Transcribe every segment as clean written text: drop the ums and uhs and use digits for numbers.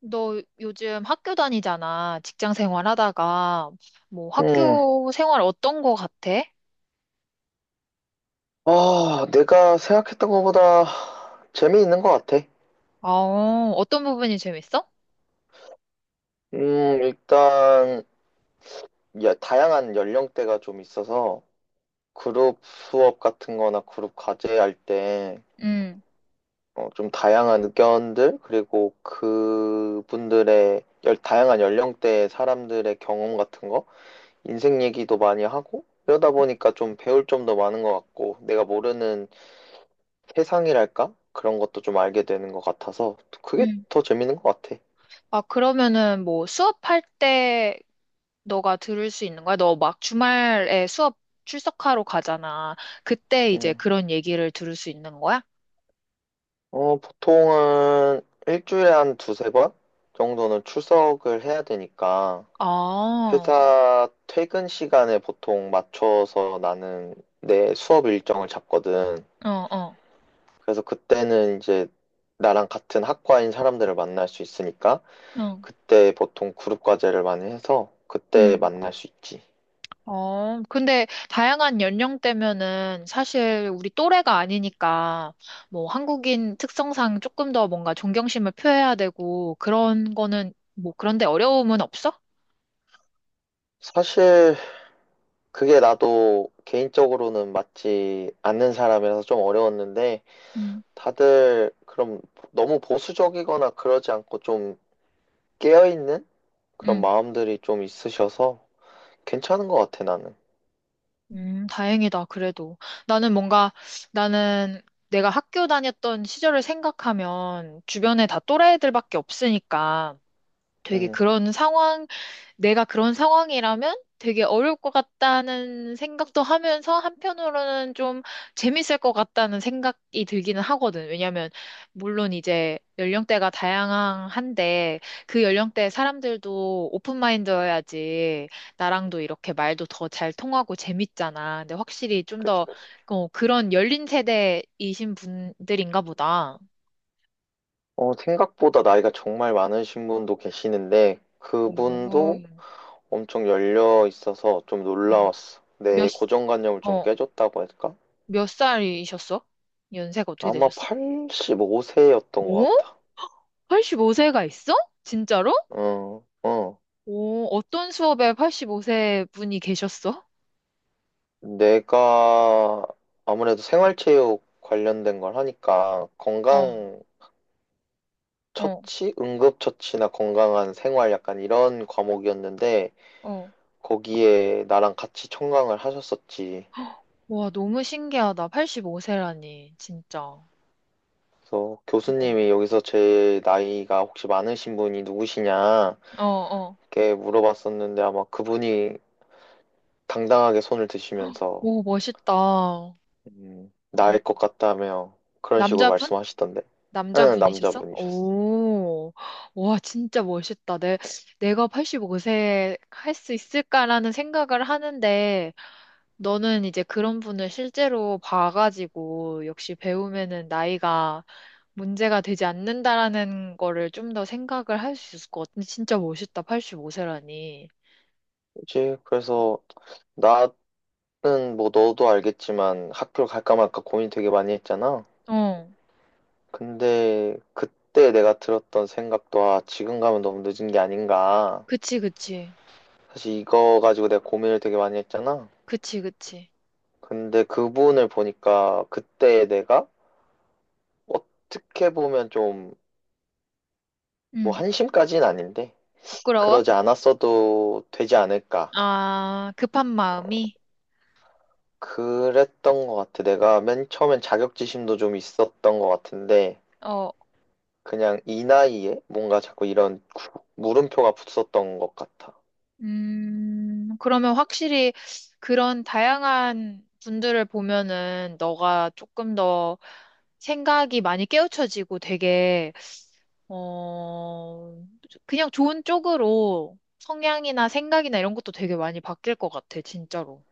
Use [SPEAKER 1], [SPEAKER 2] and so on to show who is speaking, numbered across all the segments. [SPEAKER 1] 너 요즘 학교 다니잖아. 직장 생활 하다가, 뭐
[SPEAKER 2] 음,
[SPEAKER 1] 학교 생활 어떤 거 같아?
[SPEAKER 2] 아, 내가 생각했던 것보다 재미있는 것 같아.
[SPEAKER 1] 아, 어떤 부분이 재밌어?
[SPEAKER 2] 일단, 야, 다양한 연령대가 좀 있어서, 그룹 수업 같은 거나 그룹 과제 할 때,
[SPEAKER 1] 응,
[SPEAKER 2] 좀 다양한 의견들, 그리고 그분들의, 다양한 연령대의 사람들의 경험 같은 거, 인생 얘기도 많이 하고, 그러다 보니까 좀 배울 점도 많은 것 같고, 내가 모르는 세상이랄까? 그런 것도 좀 알게 되는 것 같아서, 그게
[SPEAKER 1] 응.
[SPEAKER 2] 더 재밌는 것 같아.
[SPEAKER 1] 아, 그러면은 뭐 수업할 때 너가 들을 수 있는 거야? 너 막 주말에 수업 출석하러 가잖아. 그때 이제
[SPEAKER 2] 음.
[SPEAKER 1] 그런 얘기를 들을 수 있는 거야?
[SPEAKER 2] 어, 보통은 일주일에 한 두세 번 정도는 출석을 해야 되니까
[SPEAKER 1] 아, 어,
[SPEAKER 2] 회사 퇴근 시간에 보통 맞춰서 나는 내 수업 일정을 잡거든.
[SPEAKER 1] 어, 어,
[SPEAKER 2] 그래서 그때는 이제 나랑 같은 학과인 사람들을 만날 수 있으니까 그때 보통 그룹 과제를 많이 해서 그때
[SPEAKER 1] 응.
[SPEAKER 2] 만날 수 있지.
[SPEAKER 1] 어, 근데 다양한 연령대면은 사실 우리 또래가 아니니까 뭐 한국인 특성상 조금 더 뭔가 존경심을 표해야 되고 그런 거는 뭐 그런데 어려움은 없어?
[SPEAKER 2] 사실 그게 나도 개인적으로는 맞지 않는 사람이라서 좀 어려웠는데
[SPEAKER 1] 음,
[SPEAKER 2] 다들 그럼 너무 보수적이거나 그러지 않고 좀 깨어있는 그런
[SPEAKER 1] 음,
[SPEAKER 2] 마음들이 좀 있으셔서 괜찮은 것 같아, 나는.
[SPEAKER 1] 다행이다, 그래도. 나는 뭔가, 나는 내가 학교 다녔던 시절을 생각하면 주변에 다 또래들밖에 없으니까 되게
[SPEAKER 2] 음.
[SPEAKER 1] 그런 상황 내가 그런 상황이라면 되게 어려울 것 같다는 생각도 하면서 한편으로는 좀 재밌을 것 같다는 생각이 들기는 하거든. 왜냐면 물론 이제 연령대가 다양한데 그 연령대 사람들도 오픈마인드여야지 나랑도 이렇게 말도 더 잘 통하고 재밌잖아. 근데 확실히 좀
[SPEAKER 2] 그치,
[SPEAKER 1] 더
[SPEAKER 2] 그치.
[SPEAKER 1] 어, 그런 열린 세대이신 분들인가 보다.
[SPEAKER 2] 어, 생각보다 나이가 정말 많으신 분도 계시는데
[SPEAKER 1] 오.
[SPEAKER 2] 그분도 엄청 열려 있어서 좀
[SPEAKER 1] 음.
[SPEAKER 2] 놀라웠어.
[SPEAKER 1] 몇,
[SPEAKER 2] 내
[SPEAKER 1] 시-
[SPEAKER 2] 고정관념을 좀
[SPEAKER 1] 어,
[SPEAKER 2] 깨줬다고 할까?
[SPEAKER 1] 몇 살이셨어? 연세가 어떻게
[SPEAKER 2] 아마
[SPEAKER 1] 되셨어?
[SPEAKER 2] 85세였던
[SPEAKER 1] 오?
[SPEAKER 2] 것 같아.
[SPEAKER 1] 85세가 있어? 진짜로?
[SPEAKER 2] 어, 어.
[SPEAKER 1] 오, 어떤 수업에 85세 분이 계셨어?
[SPEAKER 2] 내가 아무래도 생활체육 관련된 걸 하니까
[SPEAKER 1] 어.
[SPEAKER 2] 건강
[SPEAKER 1] 어,
[SPEAKER 2] 처치, 응급처치나 건강한 생활 약간 이런 과목이었는데
[SPEAKER 1] 어.
[SPEAKER 2] 거기에 나랑 같이 청강을 하셨었지.
[SPEAKER 1] 와, 너무 신기하다. 85세라니, 진짜. 어,
[SPEAKER 2] 그래서 교수님이 여기서 제 나이가 혹시 많으신 분이 누구시냐
[SPEAKER 1] 어, 어.
[SPEAKER 2] 이렇게 물어봤었는데 아마 그분이 당당하게 손을 드시면서
[SPEAKER 1] 오, 멋있다. 음.
[SPEAKER 2] 나일 것 같다며 그런 식으로
[SPEAKER 1] 남자분?
[SPEAKER 2] 말씀하시던데. 응,
[SPEAKER 1] 남자분이셨어?
[SPEAKER 2] 남자분이셨어.
[SPEAKER 1] 오, 와, 진짜 멋있다. 내가 85세 할 수 있을까라는 생각을 하는데, 너는 이제 그런 분을 실제로 봐가지고 역시 배우면은 나이가 문제가 되지 않는다라는 거를 좀 더 생각을 할 수 있을 것 같은데 진짜 멋있다. 85세라니.
[SPEAKER 2] 그치? 그래서 나는 뭐 너도 알겠지만 학교 갈까 말까 고민 되게 많이 했잖아.
[SPEAKER 1] 어.
[SPEAKER 2] 근데 그때 내가 들었던 생각도 아, 지금 가면 너무 늦은 게 아닌가.
[SPEAKER 1] 그치, 그치.
[SPEAKER 2] 사실 이거 가지고 내가 고민을 되게 많이 했잖아.
[SPEAKER 1] 그치, 그치.
[SPEAKER 2] 근데 그분을 보니까 그때 내가 어떻게 보면 좀 뭐
[SPEAKER 1] 응.
[SPEAKER 2] 한심까지는 아닌데
[SPEAKER 1] 부끄러워?
[SPEAKER 2] 그러지 않았어도 되지 않을까.
[SPEAKER 1] 아, 급한 마음이?
[SPEAKER 2] 그랬던 것 같아. 내가 맨 처음엔 자격지심도 좀 있었던 것 같은데
[SPEAKER 1] 어.
[SPEAKER 2] 그냥 이 나이에 뭔가 자꾸 이런 물음표가 붙었던 것 같아.
[SPEAKER 1] 그러면 확실히 그런 다양한 분들을 보면은 너가 조금 더 생각이 많이 깨우쳐지고 되게, 어, 그냥 좋은 쪽으로 성향이나 생각이나 이런 것도 되게 많이 바뀔 것 같아, 진짜로.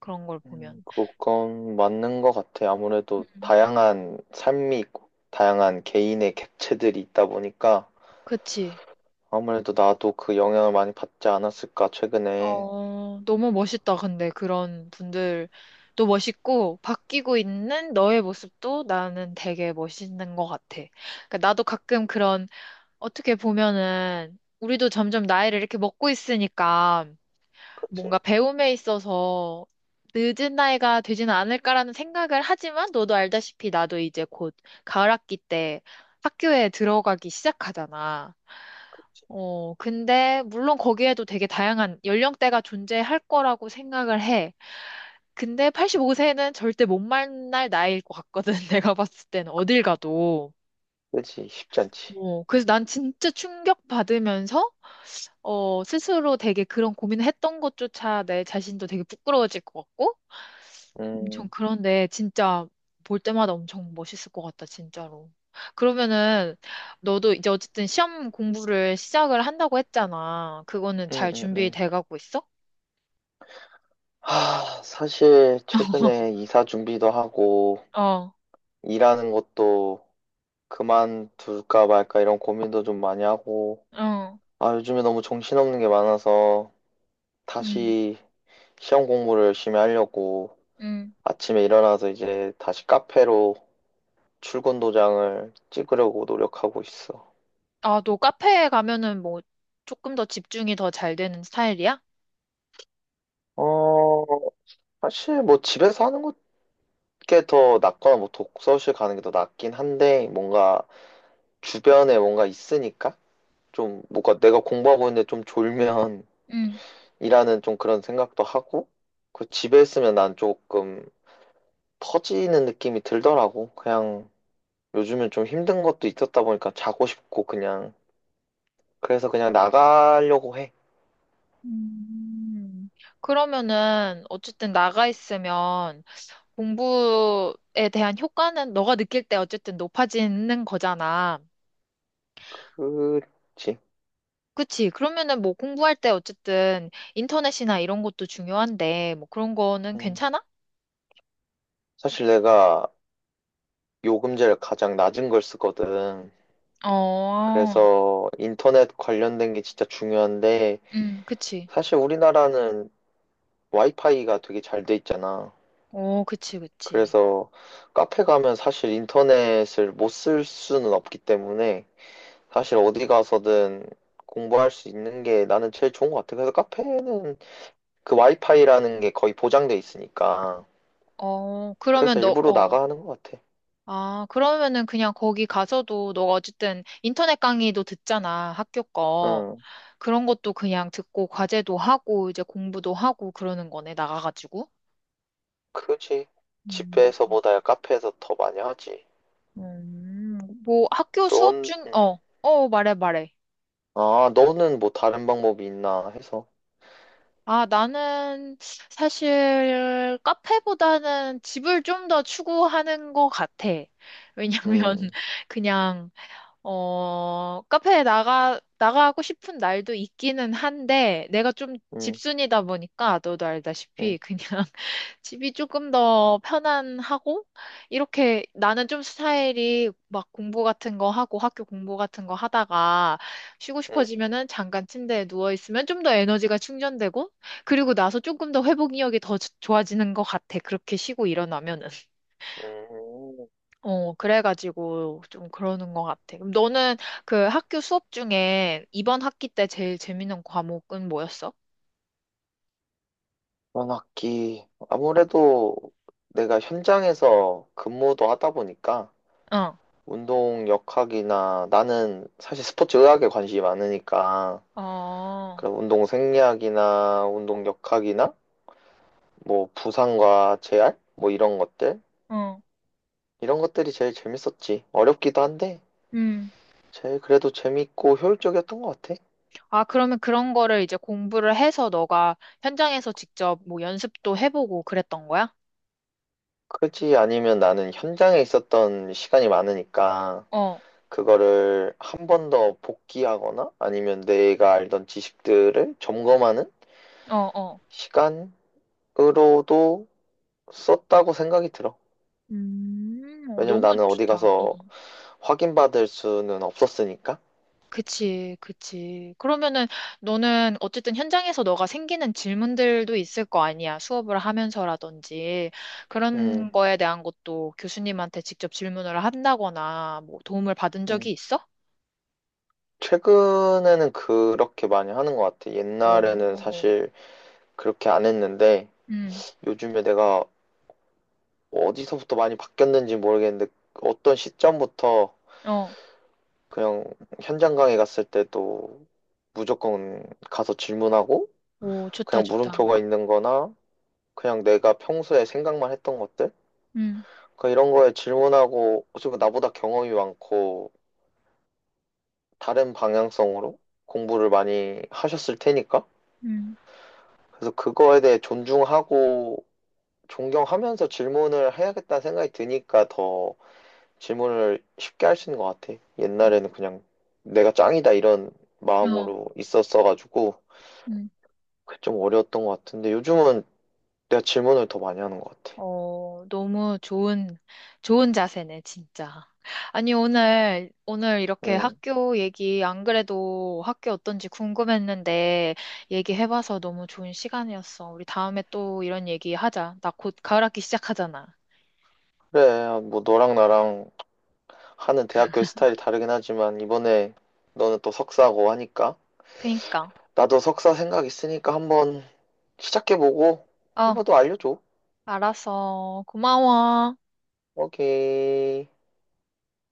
[SPEAKER 1] 그런 걸 보면.
[SPEAKER 2] 그건 맞는 것 같아. 아무래도
[SPEAKER 1] 음,
[SPEAKER 2] 다양한 삶이 있고, 다양한 개인의 객체들이 있다 보니까,
[SPEAKER 1] 그치.
[SPEAKER 2] 아무래도 나도 그 영향을 많이 받지 않았을까, 최근에.
[SPEAKER 1] 어, 너무 멋있다. 근데 그런 분들도 멋있고, 바뀌고 있는 너의 모습도 나는 되게 멋있는 것 같아. 그러니까 나도 가끔 그런, 어떻게 보면은, 우리도 점점 나이를 이렇게 먹고 있으니까, 뭔가
[SPEAKER 2] 그치.
[SPEAKER 1] 배움에 있어서 늦은 나이가 되지는 않을까라는 생각을 하지만, 너도 알다시피 나도 이제 곧 가을 학기 때 학교에 들어가기 시작하잖아. 어, 근데 물론 거기에도 되게 다양한 연령대가 존재할 거라고 생각을 해. 근데 85세는 절대 못 만날 나이일 것 같거든. 내가 봤을 때는 어딜 가도.
[SPEAKER 2] 그치, 쉽지 않지.
[SPEAKER 1] 어, 그래서 난 진짜 충격받으면서 스스로 되게 그런 고민을 했던 것조차 내 자신도 되게 부끄러워질 것 같고 엄청
[SPEAKER 2] 음,
[SPEAKER 1] 그런데 진짜 볼 때마다 엄청 멋있을 것 같다, 진짜로. 그러면은 너도 이제 어쨌든 시험 공부를 시작을 한다고 했잖아. 그거는
[SPEAKER 2] 음,
[SPEAKER 1] 잘
[SPEAKER 2] 음, 음.
[SPEAKER 1] 준비돼 가고 있어?
[SPEAKER 2] 하, 사실, 최근에 이사 준비도 하고,
[SPEAKER 1] 어,
[SPEAKER 2] 일하는 것도 그만둘까 말까 이런 고민도 좀 많이 하고,
[SPEAKER 1] 어,
[SPEAKER 2] 아, 요즘에 너무 정신없는 게 많아서,
[SPEAKER 1] 음,
[SPEAKER 2] 다시 시험 공부를 열심히 하려고,
[SPEAKER 1] 음.
[SPEAKER 2] 아침에 일어나서 이제 다시 카페로 출근 도장을 찍으려고 노력하고 있어.
[SPEAKER 1] 아, 너 카페에 가면은 뭐 조금 더 집중이 더 잘 되는 스타일이야?
[SPEAKER 2] 어, 사실 뭐 집에서 하는 게 더 낫거나 뭐 독서실 가는 게 더 낫긴 한데 뭔가 주변에 뭔가 있으니까 좀 뭔가 내가 공부하고 있는데 좀 졸면
[SPEAKER 1] 음.
[SPEAKER 2] 이라는 좀 그런 생각도 하고 그 집에 있으면 난 조금 터지는 느낌이 들더라고. 그냥 요즘은 좀 힘든 것도 있었다 보니까 자고 싶고 그냥 그래서 그냥 나가려고 해.
[SPEAKER 1] 음. 그러면은 어쨌든 나가 있으면 공부에 대한 효과는 너가 느낄 때 어쨌든 높아지는 거잖아.
[SPEAKER 2] 그
[SPEAKER 1] 그치. 그러면은 뭐 공부할 때 어쨌든 인터넷이나 이런 것도 중요한데, 뭐 그런 거는
[SPEAKER 2] 음,
[SPEAKER 1] 괜찮아?
[SPEAKER 2] 사실 내가 요금제를 가장 낮은 걸 쓰거든.
[SPEAKER 1] 어,
[SPEAKER 2] 그래서 인터넷 관련된 게 진짜 중요한데,
[SPEAKER 1] 그치.
[SPEAKER 2] 사실 우리나라는 와이파이가 되게 잘 돼 있잖아.
[SPEAKER 1] 어, 그치, 그치.
[SPEAKER 2] 그래서 카페 가면 사실 인터넷을 못 쓸 수는 없기 때문에, 사실 어디 가서든 공부할 수 있는 게 나는 제일 좋은 것 같아. 그래서 카페는 그 와이파이라는 게 거의 보장돼 있으니까.
[SPEAKER 1] 어, 그러면
[SPEAKER 2] 그래서 일부러 나가 하는 것 같아.
[SPEAKER 1] 아, 그러면은 그냥 거기 가서도 너가 어쨌든 인터넷 강의도 듣잖아, 학교 거.
[SPEAKER 2] 응.
[SPEAKER 1] 그런 것도 그냥 듣고 과제도 하고 이제 공부도 하고 그러는 거네, 나가가지고.
[SPEAKER 2] 그지.
[SPEAKER 1] 음,
[SPEAKER 2] 집에서보다야 카페에서 더 많이 하지.
[SPEAKER 1] 음, 뭐 학교 수업
[SPEAKER 2] 넌,
[SPEAKER 1] 중, 말해, 말해.
[SPEAKER 2] 아, 너는 뭐 다른 방법이 있나 해서.
[SPEAKER 1] 아, 나는 사실 카페보다는 집을 좀 더 추구하는 것 같아. 왜냐면
[SPEAKER 2] 음,
[SPEAKER 1] 그냥 카페에 나가고 싶은 날도 있기는 한데, 내가 좀
[SPEAKER 2] 음,
[SPEAKER 1] 집순이다 보니까, 너도
[SPEAKER 2] 음,
[SPEAKER 1] 알다시피, 그냥 집이 조금 더 편안하고, 이렇게 나는 좀 스타일이 막 공부 같은 거 하고, 학교 공부 같은 거 하다가, 쉬고
[SPEAKER 2] 음,
[SPEAKER 1] 싶어지면은 잠깐 침대에 누워있으면 좀 더 에너지가 충전되고, 그리고 나서 조금 더 회복력이 더 좋아지는 것 같아. 그렇게 쉬고 일어나면은.
[SPEAKER 2] 음.
[SPEAKER 1] 어, 그래가지고 좀 그러는 것 같아. 그럼 너는 그 학교 수업 중에 이번 학기 때 제일 재밌는 과목은 뭐였어?
[SPEAKER 2] 이번 학기. 아무래도 내가 현장에서 근무도 하다 보니까
[SPEAKER 1] 응.
[SPEAKER 2] 운동 역학이나 나는 사실 스포츠 의학에 관심이 많으니까
[SPEAKER 1] 어,
[SPEAKER 2] 그런 운동 생리학이나 운동 역학이나 뭐 부상과 재활? 뭐 이런 것들?
[SPEAKER 1] 응.
[SPEAKER 2] 이런 것들이 제일 재밌었지. 어렵기도 한데
[SPEAKER 1] 음.
[SPEAKER 2] 제일 그래도 재밌고 효율적이었던 것 같아.
[SPEAKER 1] 아, 그러면 그런 거를 이제 공부를 해서 너가 현장에서 직접 뭐 연습도 해보고 그랬던 거야?
[SPEAKER 2] 그렇지 아니면 나는 현장에 있었던 시간이 많으니까
[SPEAKER 1] 어,
[SPEAKER 2] 그거를 한 번 더 복기하거나 아니면 내가 알던 지식들을 점검하는
[SPEAKER 1] 어, 어.
[SPEAKER 2] 시간으로도 썼다고 생각이 들어.
[SPEAKER 1] 어,
[SPEAKER 2] 왜냐면
[SPEAKER 1] 너무
[SPEAKER 2] 나는 어디
[SPEAKER 1] 좋다.
[SPEAKER 2] 가서 확인받을 수는 없었으니까.
[SPEAKER 1] 그치, 그치. 그러면은 너는 어쨌든 현장에서 너가 생기는 질문들도 있을 거 아니야. 수업을 하면서라든지 그런
[SPEAKER 2] 음,
[SPEAKER 1] 거에 대한 것도 교수님한테 직접 질문을 한다거나 뭐 도움을 받은 적이
[SPEAKER 2] 음.
[SPEAKER 1] 있어?
[SPEAKER 2] 최근에는 그렇게 많이 하는 것 같아. 옛날에는
[SPEAKER 1] 어,
[SPEAKER 2] 사실 그렇게 안 했는데
[SPEAKER 1] 음,
[SPEAKER 2] 요즘에 내가 뭐 어디서부터 많이 바뀌었는지 모르겠는데 어떤 시점부터
[SPEAKER 1] 어,
[SPEAKER 2] 그냥 현장 강의 갔을 때도 무조건 가서 질문하고
[SPEAKER 1] 오, 좋다,
[SPEAKER 2] 그냥
[SPEAKER 1] 좋다.
[SPEAKER 2] 물음표가 있는 거나 그냥 내가 평소에 생각만 했던 것들
[SPEAKER 1] 음,
[SPEAKER 2] 그 이런 거에 질문하고 어차피 나보다 경험이 많고 다른 방향성으로 공부를 많이 하셨을 테니까
[SPEAKER 1] 음,
[SPEAKER 2] 그래서 그거에 대해 존중하고 존경하면서 질문을 해야겠다는 생각이 드니까 더 질문을 쉽게 할 수 있는 것 같아.
[SPEAKER 1] 어,
[SPEAKER 2] 옛날에는 그냥 내가 짱이다 이런 마음으로 있었어가지고
[SPEAKER 1] 응.
[SPEAKER 2] 그게 좀 어려웠던 것 같은데 요즘은 내가 질문을 더 많이 하는 것 같아.
[SPEAKER 1] 어, 너무 좋은 자세네, 진짜. 아니, 오늘 이렇게
[SPEAKER 2] 음
[SPEAKER 1] 학교 얘기, 안 그래도 학교 어떤지 궁금했는데, 얘기해봐서 너무 좋은 시간이었어. 우리 다음에 또 이런 얘기 하자. 나 곧 가을 학기 시작하잖아.
[SPEAKER 2] 그래, 뭐 너랑 나랑 하는 대학교의 스타일이 다르긴 하지만 이번에 너는 또 석사고 하니까
[SPEAKER 1] 그니까.
[SPEAKER 2] 나도 석사 생각 있으니까 한번 시작해보고
[SPEAKER 1] 어,
[SPEAKER 2] 한번 더 알려줘.
[SPEAKER 1] 알았어. 고마워.
[SPEAKER 2] 오케이.